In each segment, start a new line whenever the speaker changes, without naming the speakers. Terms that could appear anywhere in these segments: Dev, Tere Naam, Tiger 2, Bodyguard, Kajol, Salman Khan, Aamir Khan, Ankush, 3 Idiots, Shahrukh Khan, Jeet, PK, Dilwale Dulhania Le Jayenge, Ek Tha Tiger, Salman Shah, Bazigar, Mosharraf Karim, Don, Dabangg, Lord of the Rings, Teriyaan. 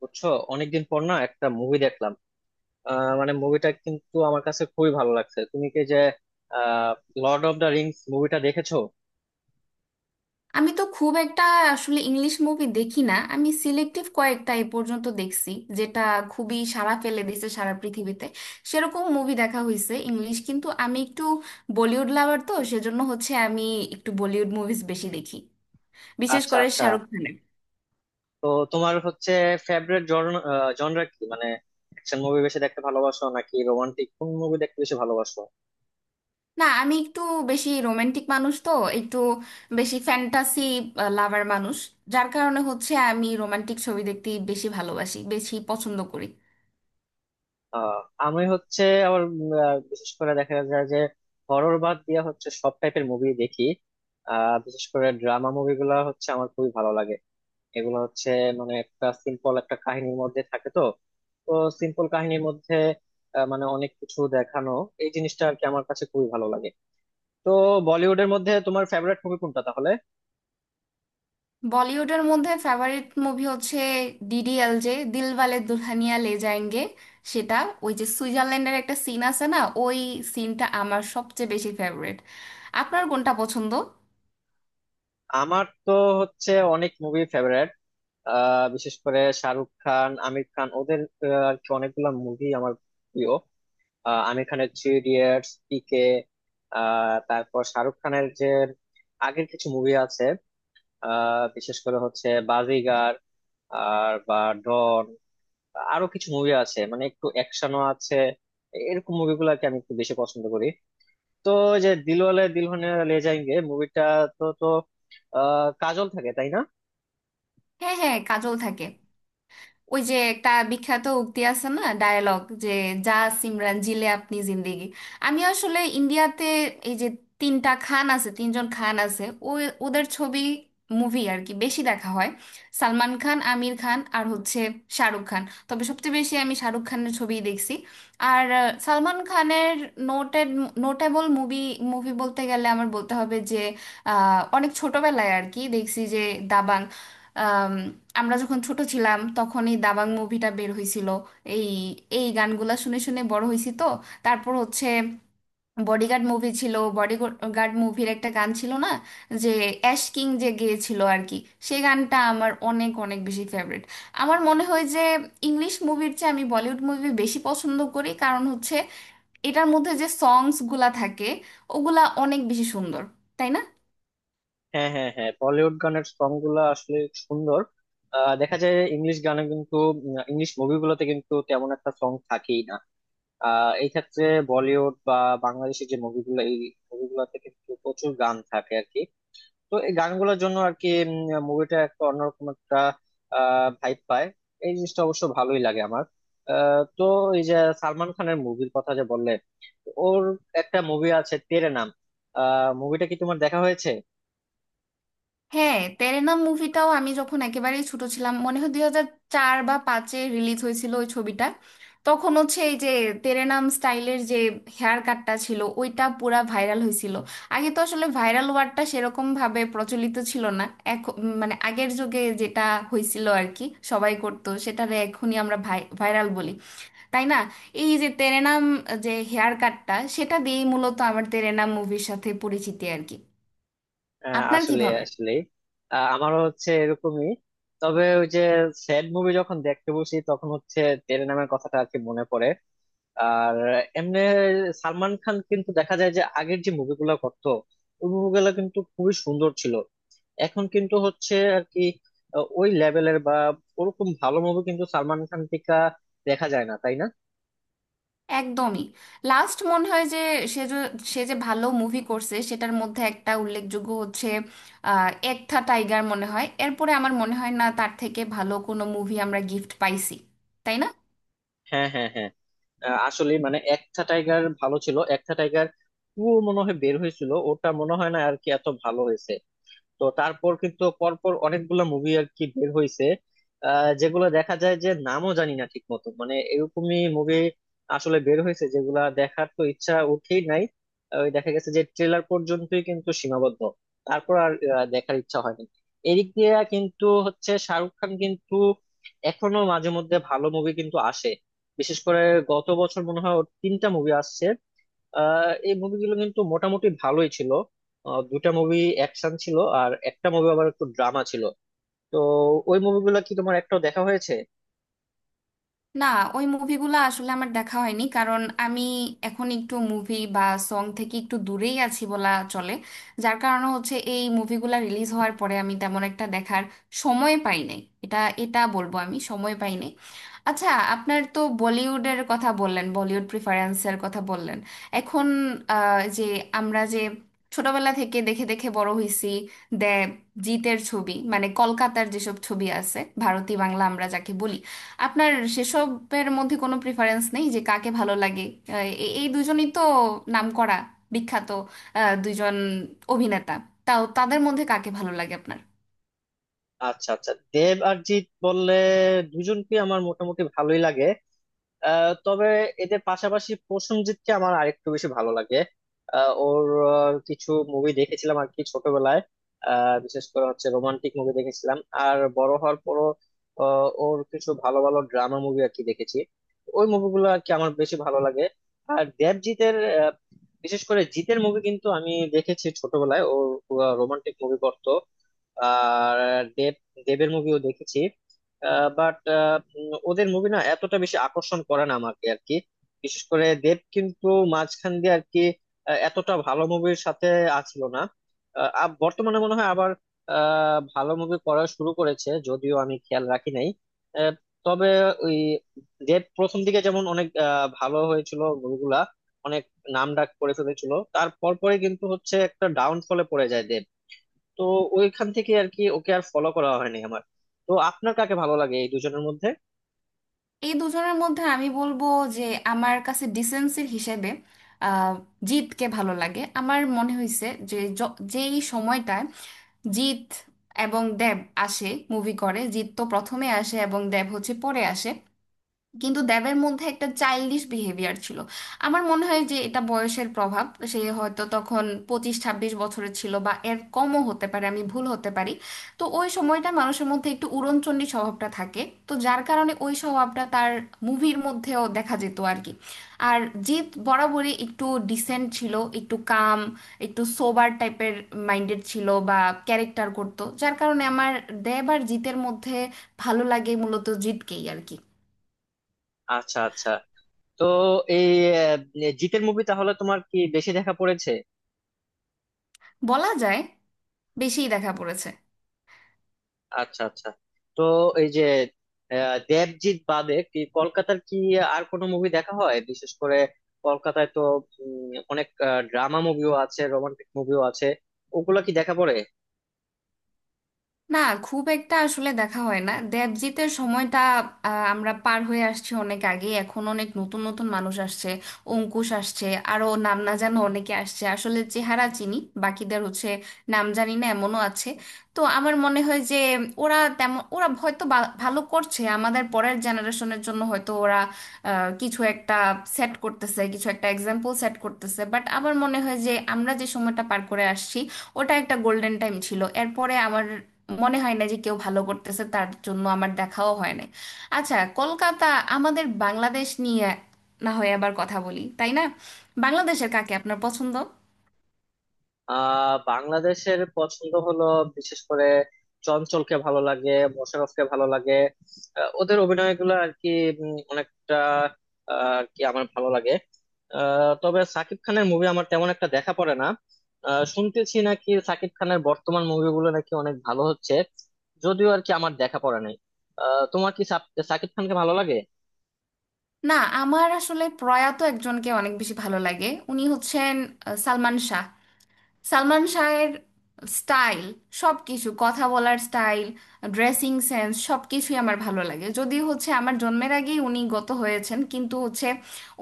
বুঝছো? অনেকদিন পর না একটা মুভি দেখলাম। মানে মুভিটা কিন্তু আমার কাছে খুবই ভালো লাগছে। তুমি কি যে লর্ড অফ দ্য রিংস মুভিটা দেখেছো?
আমি তো খুব একটা আসলে ইংলিশ মুভি দেখি না। আমি সিলেক্টিভ কয়েকটা এ পর্যন্ত দেখছি, যেটা খুবই সাড়া ফেলে দিয়েছে সারা পৃথিবীতে সেরকম মুভি দেখা হয়েছে ইংলিশ, কিন্তু আমি একটু বলিউড লাভার তো, সেজন্য হচ্ছে আমি একটু বলিউড মুভিজ বেশি দেখি, বিশেষ
আচ্ছা
করে
আচ্ছা।
শাহরুখ খানের।
তো তোমার হচ্ছে ফেভারিট জনরা কি? মানে অ্যাকশন মুভি বেশি দেখতে ভালোবাসো নাকি রোমান্টিক কোন মুভি দেখতে বেশি ভালোবাসো?
না, আমি একটু বেশি রোমান্টিক মানুষ তো, একটু বেশি ফ্যান্টাসি লাভার মানুষ, যার কারণে হচ্ছে আমি রোমান্টিক ছবি দেখতে বেশি ভালোবাসি, বেশি পছন্দ করি।
আহ আমি হচ্ছে আবার বিশেষ করে দেখা যায় যে হরর বাদ দিয়ে হচ্ছে সব টাইপের মুভি দেখি। বিশেষ করে ড্রামা মুভিগুলো হচ্ছে আমার খুবই ভালো লাগে। এগুলো হচ্ছে মানে একটা সিম্পল একটা কাহিনীর মধ্যে থাকে। তো তো সিম্পল কাহিনীর মধ্যে মানে অনেক কিছু দেখানো, এই জিনিসটা আর কি আমার কাছে খুবই ভালো লাগে। তো বলিউডের মধ্যে তোমার ফেভারিট মুভি কোনটা তাহলে?
বলিউডের মধ্যে ফেভারিট মুভি হচ্ছে ডিডিএলজে, দিলওয়ালে দুলহানিয়া লে যায়েঙ্গে। সেটা ওই যে সুইজারল্যান্ডের একটা সিন আছে না, ওই সিনটা আমার সবচেয়ে বেশি ফেভারিট। আপনার কোনটা পছন্দ?
আমার তো হচ্ছে অনেক মুভি ফেভারিট। বিশেষ করে শাহরুখ খান, আমির খান, ওদের আর কি অনেকগুলো মুভি আমার প্রিয়। আমির খানের থ্রি ইডিয়টস, পিকে, তারপর শাহরুখ খানের যে আগের কিছু মুভি আছে, বিশেষ করে হচ্ছে বাজিগার আর ডন। আরো কিছু মুভি আছে, মানে একটু অ্যাকশনও আছে, এরকম মুভিগুলোকে আমি একটু বেশি পছন্দ করি। তো ওই যে দিলওয়ালে দুলহানিয়া লে যায়েঙ্গে মুভিটা, তো তো কাজল থাকে, তাই না?
হ্যাঁ হ্যাঁ, কাজল থাকে। ওই যে একটা বিখ্যাত উক্তি আছে না, ডায়ালগ, যে যা সিমরান জিলে আপনি জিন্দেগি। আমি আসলে ইন্ডিয়াতে এই যে তিনটা খান আছে, তিনজন খান আছে, ওই ওদের ছবি, মুভি আর কি বেশি দেখা হয়। সালমান খান, আমির খান আর হচ্ছে শাহরুখ খান। তবে সবচেয়ে বেশি আমি শাহরুখ খানের ছবিই দেখছি। আর সালমান খানের নোটেড নোটেবল মুভি মুভি বলতে গেলে আমার বলতে হবে যে অনেক ছোটবেলায় আর কি দেখছি, যে দাবাং। আমরা যখন ছোট ছিলাম তখন এই দাবাং মুভিটা বের হয়েছিল। এই এই গানগুলা শুনে শুনে বড় হয়েছি তো। তারপর হচ্ছে বডিগার্ড মুভি ছিল, বডিগার্ড মুভির একটা গান ছিল না, যে অ্যাশ কিং যে গেয়েছিল আর কি, সেই গানটা আমার অনেক অনেক বেশি ফেভারিট। আমার মনে হয় যে ইংলিশ মুভির চেয়ে আমি বলিউড মুভি বেশি পছন্দ করি, কারণ হচ্ছে এটার মধ্যে যে সংসগুলা থাকে, ওগুলা অনেক বেশি সুন্দর, তাই না?
হ্যাঁ হ্যাঁ হ্যাঁ, বলিউড গানের সং গুলো আসলে সুন্দর। দেখা যায় ইংলিশ গানে কিন্তু, ইংলিশ মুভিগুলোতে কিন্তু তেমন একটা সং থাকেই না। এই ক্ষেত্রে বলিউড বাংলাদেশের যে মুভিগুলো, এই মুভিগুলোতে কিন্তু প্রচুর গান থাকে আর কি। তো এই গানগুলোর জন্য আর কি মুভিটা একটা অন্যরকম একটা ভাইব পায়। এই জিনিসটা অবশ্য ভালোই লাগে আমার। তো এই যে সালমান খানের মুভির কথা যে বললে, ওর একটা মুভি আছে তেরে নাম, মুভিটা কি তোমার দেখা হয়েছে?
হ্যাঁ, তেরেনা মুভিটাও আমি যখন একেবারেই ছোট ছিলাম, মনে হয় 2004 বা 2005-এ রিলিজ হয়েছিল ওই ছবিটা। তখন হচ্ছে এই যে তেরেনাম স্টাইলের যে হেয়ার কাটটা ছিল, ওইটা পুরা ভাইরাল হয়েছিল। আগে তো আসলে ভাইরাল ওয়ার্ডটা সেরকম ভাবে প্রচলিত ছিল না এখন, মানে আগের যুগে যেটা হয়েছিল আর কি, সবাই করতো, সেটারে এখনই আমরা ভাইরাল বলি, তাই না? এই যে তেরেনাম, যে হেয়ার কাটটা, সেটা দিয়েই মূলত আমার তেরেনাম মুভির সাথে পরিচিতি আর কি। আপনার
আসলে
কিভাবে?
আসলে আমারও হচ্ছে এরকমই। তবে ওই যে স্যাড মুভি যখন দেখতে বসি তখন হচ্ছে তেরে নামের কথাটা আর কি মনে পড়ে। আর এমনি সালমান খান কিন্তু দেখা যায় যে আগের যে মুভিগুলো করতো, ওই মুভিগুলো কিন্তু খুবই সুন্দর ছিল। এখন কিন্তু হচ্ছে আর কি ওই লেভেলের ওরকম ভালো মুভি কিন্তু সালমান খান থেকে দেখা যায় না, তাই না?
একদমই। লাস্ট মনে হয় যে সে যে সে যে ভালো মুভি করছে, সেটার মধ্যে একটা উল্লেখযোগ্য হচ্ছে এক থা টাইগার। মনে হয় এরপরে আমার মনে হয় না তার থেকে ভালো কোনো মুভি আমরা গিফট পাইছি, তাই না?
হ্যাঁ হ্যাঁ হ্যাঁ। আসলে মানে একটা টাইগার ভালো ছিল, একটা টাইগার টু মনে হয় বের হয়েছিল, ওটা মনে হয় না আর কি এত ভালো হয়েছে। তো তারপর কিন্তু পরপর অনেকগুলা মুভি আর কি বের হয়েছে, যেগুলো দেখা যায় যে নামও জানি না ঠিক মতো, মানে এরকমই মুভি আসলে বের হয়েছে, যেগুলা দেখার তো ইচ্ছা উঠেই নাই। ওই দেখা গেছে যে ট্রেলার পর্যন্তই কিন্তু সীমাবদ্ধ, তারপর আর দেখার ইচ্ছা হয়নি। এদিক দিয়ে কিন্তু হচ্ছে শাহরুখ খান কিন্তু এখনো মাঝে মধ্যে ভালো মুভি কিন্তু আসে। বিশেষ করে গত বছর মনে হয় ওর তিনটা মুভি আসছে, এই মুভিগুলো কিন্তু মোটামুটি ভালোই ছিল। দুটা মুভি অ্যাকশন ছিল আর একটা মুভি আবার একটু ড্রামা ছিল। তো ওই মুভিগুলো কি তোমার একটাও দেখা হয়েছে?
না, ওই মুভিগুলো আসলে আমার দেখা হয়নি, কারণ আমি এখন একটু মুভি বা সং থেকে একটু দূরেই আছি বলা চলে। যার কারণে হচ্ছে এই মুভিগুলো রিলিজ হওয়ার পরে আমি তেমন একটা দেখার সময় পাই নাই। এটা এটা বলবো, আমি সময় পাই নাই। আচ্ছা, আপনার তো বলিউডের কথা বললেন, বলিউড প্রিফারেন্সের কথা বললেন। এখন যে আমরা যে ছোটবেলা থেকে দেখে দেখে বড় হইছি দেব জিতের ছবি, মানে কলকাতার যেসব ছবি আছে, ভারতী বাংলা আমরা যাকে বলি, আপনার সেসবের মধ্যে কোনো প্রিফারেন্স নেই, যে কাকে ভালো লাগে? এই দুজনই তো নামকরা, বিখ্যাত দুইজন অভিনেতা। তাও তাদের মধ্যে কাকে ভালো লাগে আপনার?
আচ্ছা আচ্ছা, দেব আর জিৎ বললে দুজনকে আমার মোটামুটি ভালোই লাগে। তবে এদের পাশাপাশি প্রসেনজিৎকে আমার আরেকটু বেশি ভালো লাগে। ওর কিছু মুভি দেখেছিলাম আর কি ছোটবেলায়, বিশেষ করে হচ্ছে রোমান্টিক মুভি দেখেছিলাম। আর বড় হওয়ার পরও ওর কিছু ভালো ভালো ড্রামা মুভি আর কি দেখেছি, ওই মুভিগুলো আর কি আমার বেশি ভালো লাগে। আর দেবজিতের আহ, বিশেষ করে জিতের মুভি কিন্তু আমি দেখেছি ছোটবেলায়। ও রোমান্টিক মুভি করতো। আর দেব দেবের মুভিও দেখেছি। বাট ওদের মুভি না এতটা বেশি আকর্ষণ করে না আমাকে আর কি। বিশেষ করে দেব কিন্তু মাঝখান দিয়ে আর কি এতটা ভালো মুভির সাথে আছিল না। বর্তমানে মনে হয় আবার ভালো মুভি করা শুরু করেছে, যদিও আমি খেয়াল রাখি নাই। আহ, তবে ওই দেব প্রথম দিকে যেমন অনেক ভালো হয়েছিল মুভিগুলা, অনেক নাম ডাক করে ফেলেছিল, তার পরপরে কিন্তু হচ্ছে একটা ডাউনফলে পড়ে যায় দেব। তো ওইখান থেকে আর কি ওকে আর ফলো করা হয়নি আমার। তো আপনার কাকে ভালো লাগে এই দুজনের মধ্যে?
এই দুজনের মধ্যে আমি বলবো যে আমার কাছে ডিসেন্সির হিসেবে আহ, জিৎকে ভালো লাগে। আমার মনে হয়েছে যে যেই সময়টায় জিৎ এবং দেব আসে, মুভি করে, জিৎ তো প্রথমে আসে এবং দেব হচ্ছে পরে আসে, কিন্তু দেবের মধ্যে একটা চাইল্ডিশ বিহেভিয়ার ছিল। আমার মনে হয় যে এটা বয়সের প্রভাব। সে হয়তো তখন 25-26 বছরের ছিল বা এর কমও হতে পারে, আমি ভুল হতে পারি। তো ওই সময়টা মানুষের মধ্যে একটু উড়নচণ্ডী স্বভাবটা থাকে। তো যার কারণে ওই স্বভাবটা তার মুভির মধ্যেও দেখা যেত আর কি। আর জিৎ বরাবরই একটু ডিসেন্ট ছিল, একটু কাম, একটু সোবার টাইপের মাইন্ডেড ছিল বা ক্যারেক্টার করতো, যার কারণে আমার দেব আর জিতের মধ্যে ভালো লাগে মূলত জিতকেই আর কি।
আচ্ছা আচ্ছা। তো এই জিতের মুভি তাহলে তোমার কি বেশি দেখা পড়েছে?
বলা যায় বেশিই দেখা পড়েছে।
আচ্ছা আচ্ছা। তো এই যে দেবজিৎ বাদে কি কলকাতার কি আর কোনো মুভি দেখা হয়? বিশেষ করে কলকাতায় তো অনেক ড্রামা মুভিও আছে, রোমান্টিক মুভিও আছে, ওগুলা কি দেখা পড়ে?
না, খুব একটা আসলে দেখা হয় না। দেবজিতের সময়টা আমরা পার হয়ে আসছি অনেক আগে। এখন অনেক নতুন নতুন মানুষ আসছে, অঙ্কুশ আসছে, আরো নাম না জানা অনেকে আসছে, আসলে চেহারা চিনি বাকিদের, হচ্ছে নাম জানি না এমনও আছে। তো আমার মনে হয় যে ওরা হয়তো ভালো করছে আমাদের পরের জেনারেশনের জন্য, হয়তো ওরা কিছু একটা সেট করতেছে, কিছু একটা এক্সাম্পল সেট করতেছে, বাট আমার মনে হয় যে আমরা যে সময়টা পার করে আসছি ওটা একটা গোল্ডেন টাইম ছিল। এরপরে আমার মনে হয় না যে কেউ ভালো করতেছে, তার জন্য আমার দেখাও হয় নাই। আচ্ছা, কলকাতা, আমাদের বাংলাদেশ নিয়ে না হয় আবার কথা বলি, তাই না? বাংলাদেশের কাকে আপনার পছন্দ?
বাংলাদেশের পছন্দ হলো বিশেষ করে চঞ্চলকে ভালো লাগে, মোশাররফকে ভালো লাগে। ওদের অভিনয়গুলো আর কি অনেকটা আর কি আমার ভালো লাগে। তবে সাকিব খানের মুভি আমার তেমন একটা দেখা পড়ে না। শুনতেছি নাকি সাকিব খানের বর্তমান মুভিগুলো নাকি অনেক ভালো হচ্ছে, যদিও আর কি আমার দেখা পড়ে নাই। তোমার কি সাকিব খানকে ভালো লাগে?
না, আমার আসলে প্রয়াত একজনকে অনেক বেশি ভালো লাগে, উনি হচ্ছেন সালমান শাহ। সালমান শাহের স্টাইল, সব কিছু, কথা বলার স্টাইল, ড্রেসিং সেন্স, সব কিছুই আমার ভালো লাগে। যদি হচ্ছে আমার জন্মের আগেই উনি গত হয়েছেন, কিন্তু হচ্ছে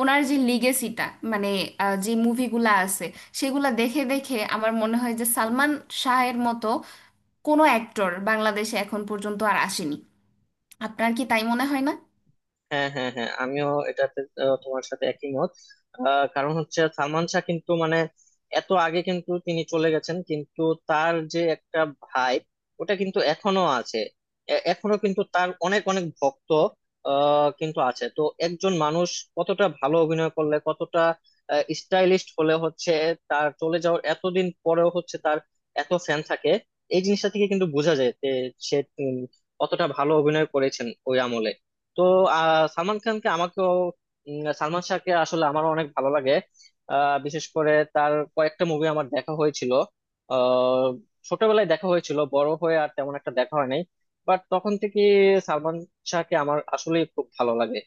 ওনার যে লিগেসিটা, মানে যে মুভিগুলা আছে সেগুলা দেখে দেখে আমার মনে হয় যে সালমান শাহের মতো কোনো অ্যাক্টর বাংলাদেশে এখন পর্যন্ত আর আসেনি। আপনার কি তাই মনে হয় না?
হ্যাঁ হ্যাঁ হ্যাঁ, আমিও এটাতে তোমার সাথে একই মত। কারণ হচ্ছে সালমান শাহ কিন্তু মানে এত আগে কিন্তু তিনি চলে গেছেন, কিন্তু তার যে একটা ভাই, ওটা কিন্তু এখনো আছে। এখনো কিন্তু তার অনেক অনেক ভক্ত কিন্তু আছে। তো একজন মানুষ কতটা ভালো অভিনয় করলে, কতটা স্টাইলিস্ট হলে হচ্ছে তার চলে যাওয়ার এতদিন পরেও হচ্ছে তার এত ফ্যান থাকে। এই জিনিসটা থেকে কিন্তু বোঝা যায় যে সে উম, কতটা ভালো অভিনয় করেছেন ওই আমলে। তো আহ, সালমান খানকে আমাকেও উম, সালমান শাহকে আসলে আমার অনেক ভালো লাগে। বিশেষ করে তার কয়েকটা মুভি আমার দেখা হয়েছিল, আহ, ছোটবেলায় দেখা হয়েছিল, বড় হয়ে আর তেমন একটা দেখা হয় নাই। বাট তখন থেকে সালমান শাহকে আমার আসলে খুব ভালো লাগে।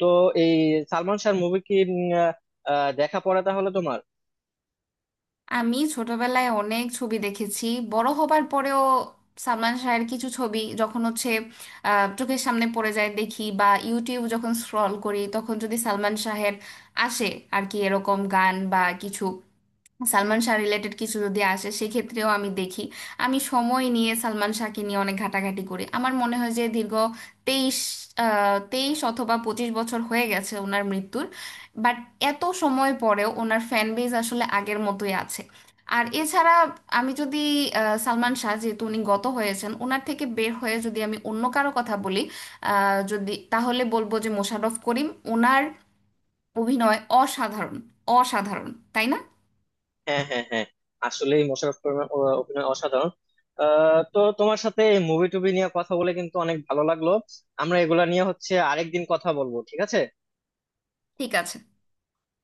তো এই সালমান শাহর মুভি কি দেখা পড়ে তাহলে তোমার?
আমি ছোটবেলায় অনেক ছবি দেখেছি, বড় হবার পরেও সালমান শাহের কিছু ছবি যখন হচ্ছে চোখের সামনে পড়ে যায় দেখি, বা ইউটিউব যখন স্ক্রল করি তখন যদি সালমান শাহের আসে আর কি এরকম গান বা কিছু, সালমান শাহ রিলেটেড কিছু যদি আসে সেক্ষেত্রেও আমি দেখি। আমি সময় নিয়ে সালমান শাহকে নিয়ে অনেক ঘাটাঘাটি করি। আমার মনে হয় যে দীর্ঘ তেইশ 23 অথবা 25 বছর হয়ে গেছে ওনার মৃত্যুর, বাট এত সময় পরেও ওনার ফ্যান বেজ আসলে আগের মতোই আছে। আর এছাড়া আমি যদি সালমান শাহ যেহেতু উনি গত হয়েছেন, ওনার থেকে বের হয়ে যদি আমি অন্য কারো কথা বলি, যদি তাহলে বলবো যে মোশাররফ করিম। ওনার অভিনয় অসাধারণ, অসাধারণ, তাই না?
হ্যাঁ হ্যাঁ হ্যাঁ। আসলে মোশাররফ করিমের অভিনয় অসাধারণ। তো তোমার সাথে মুভি টুভি নিয়ে কথা বলে কিন্তু অনেক ভালো লাগলো। আমরা এগুলা নিয়ে হচ্ছে আরেকদিন কথা বলবো, ঠিক আছে?
ঠিক আছে।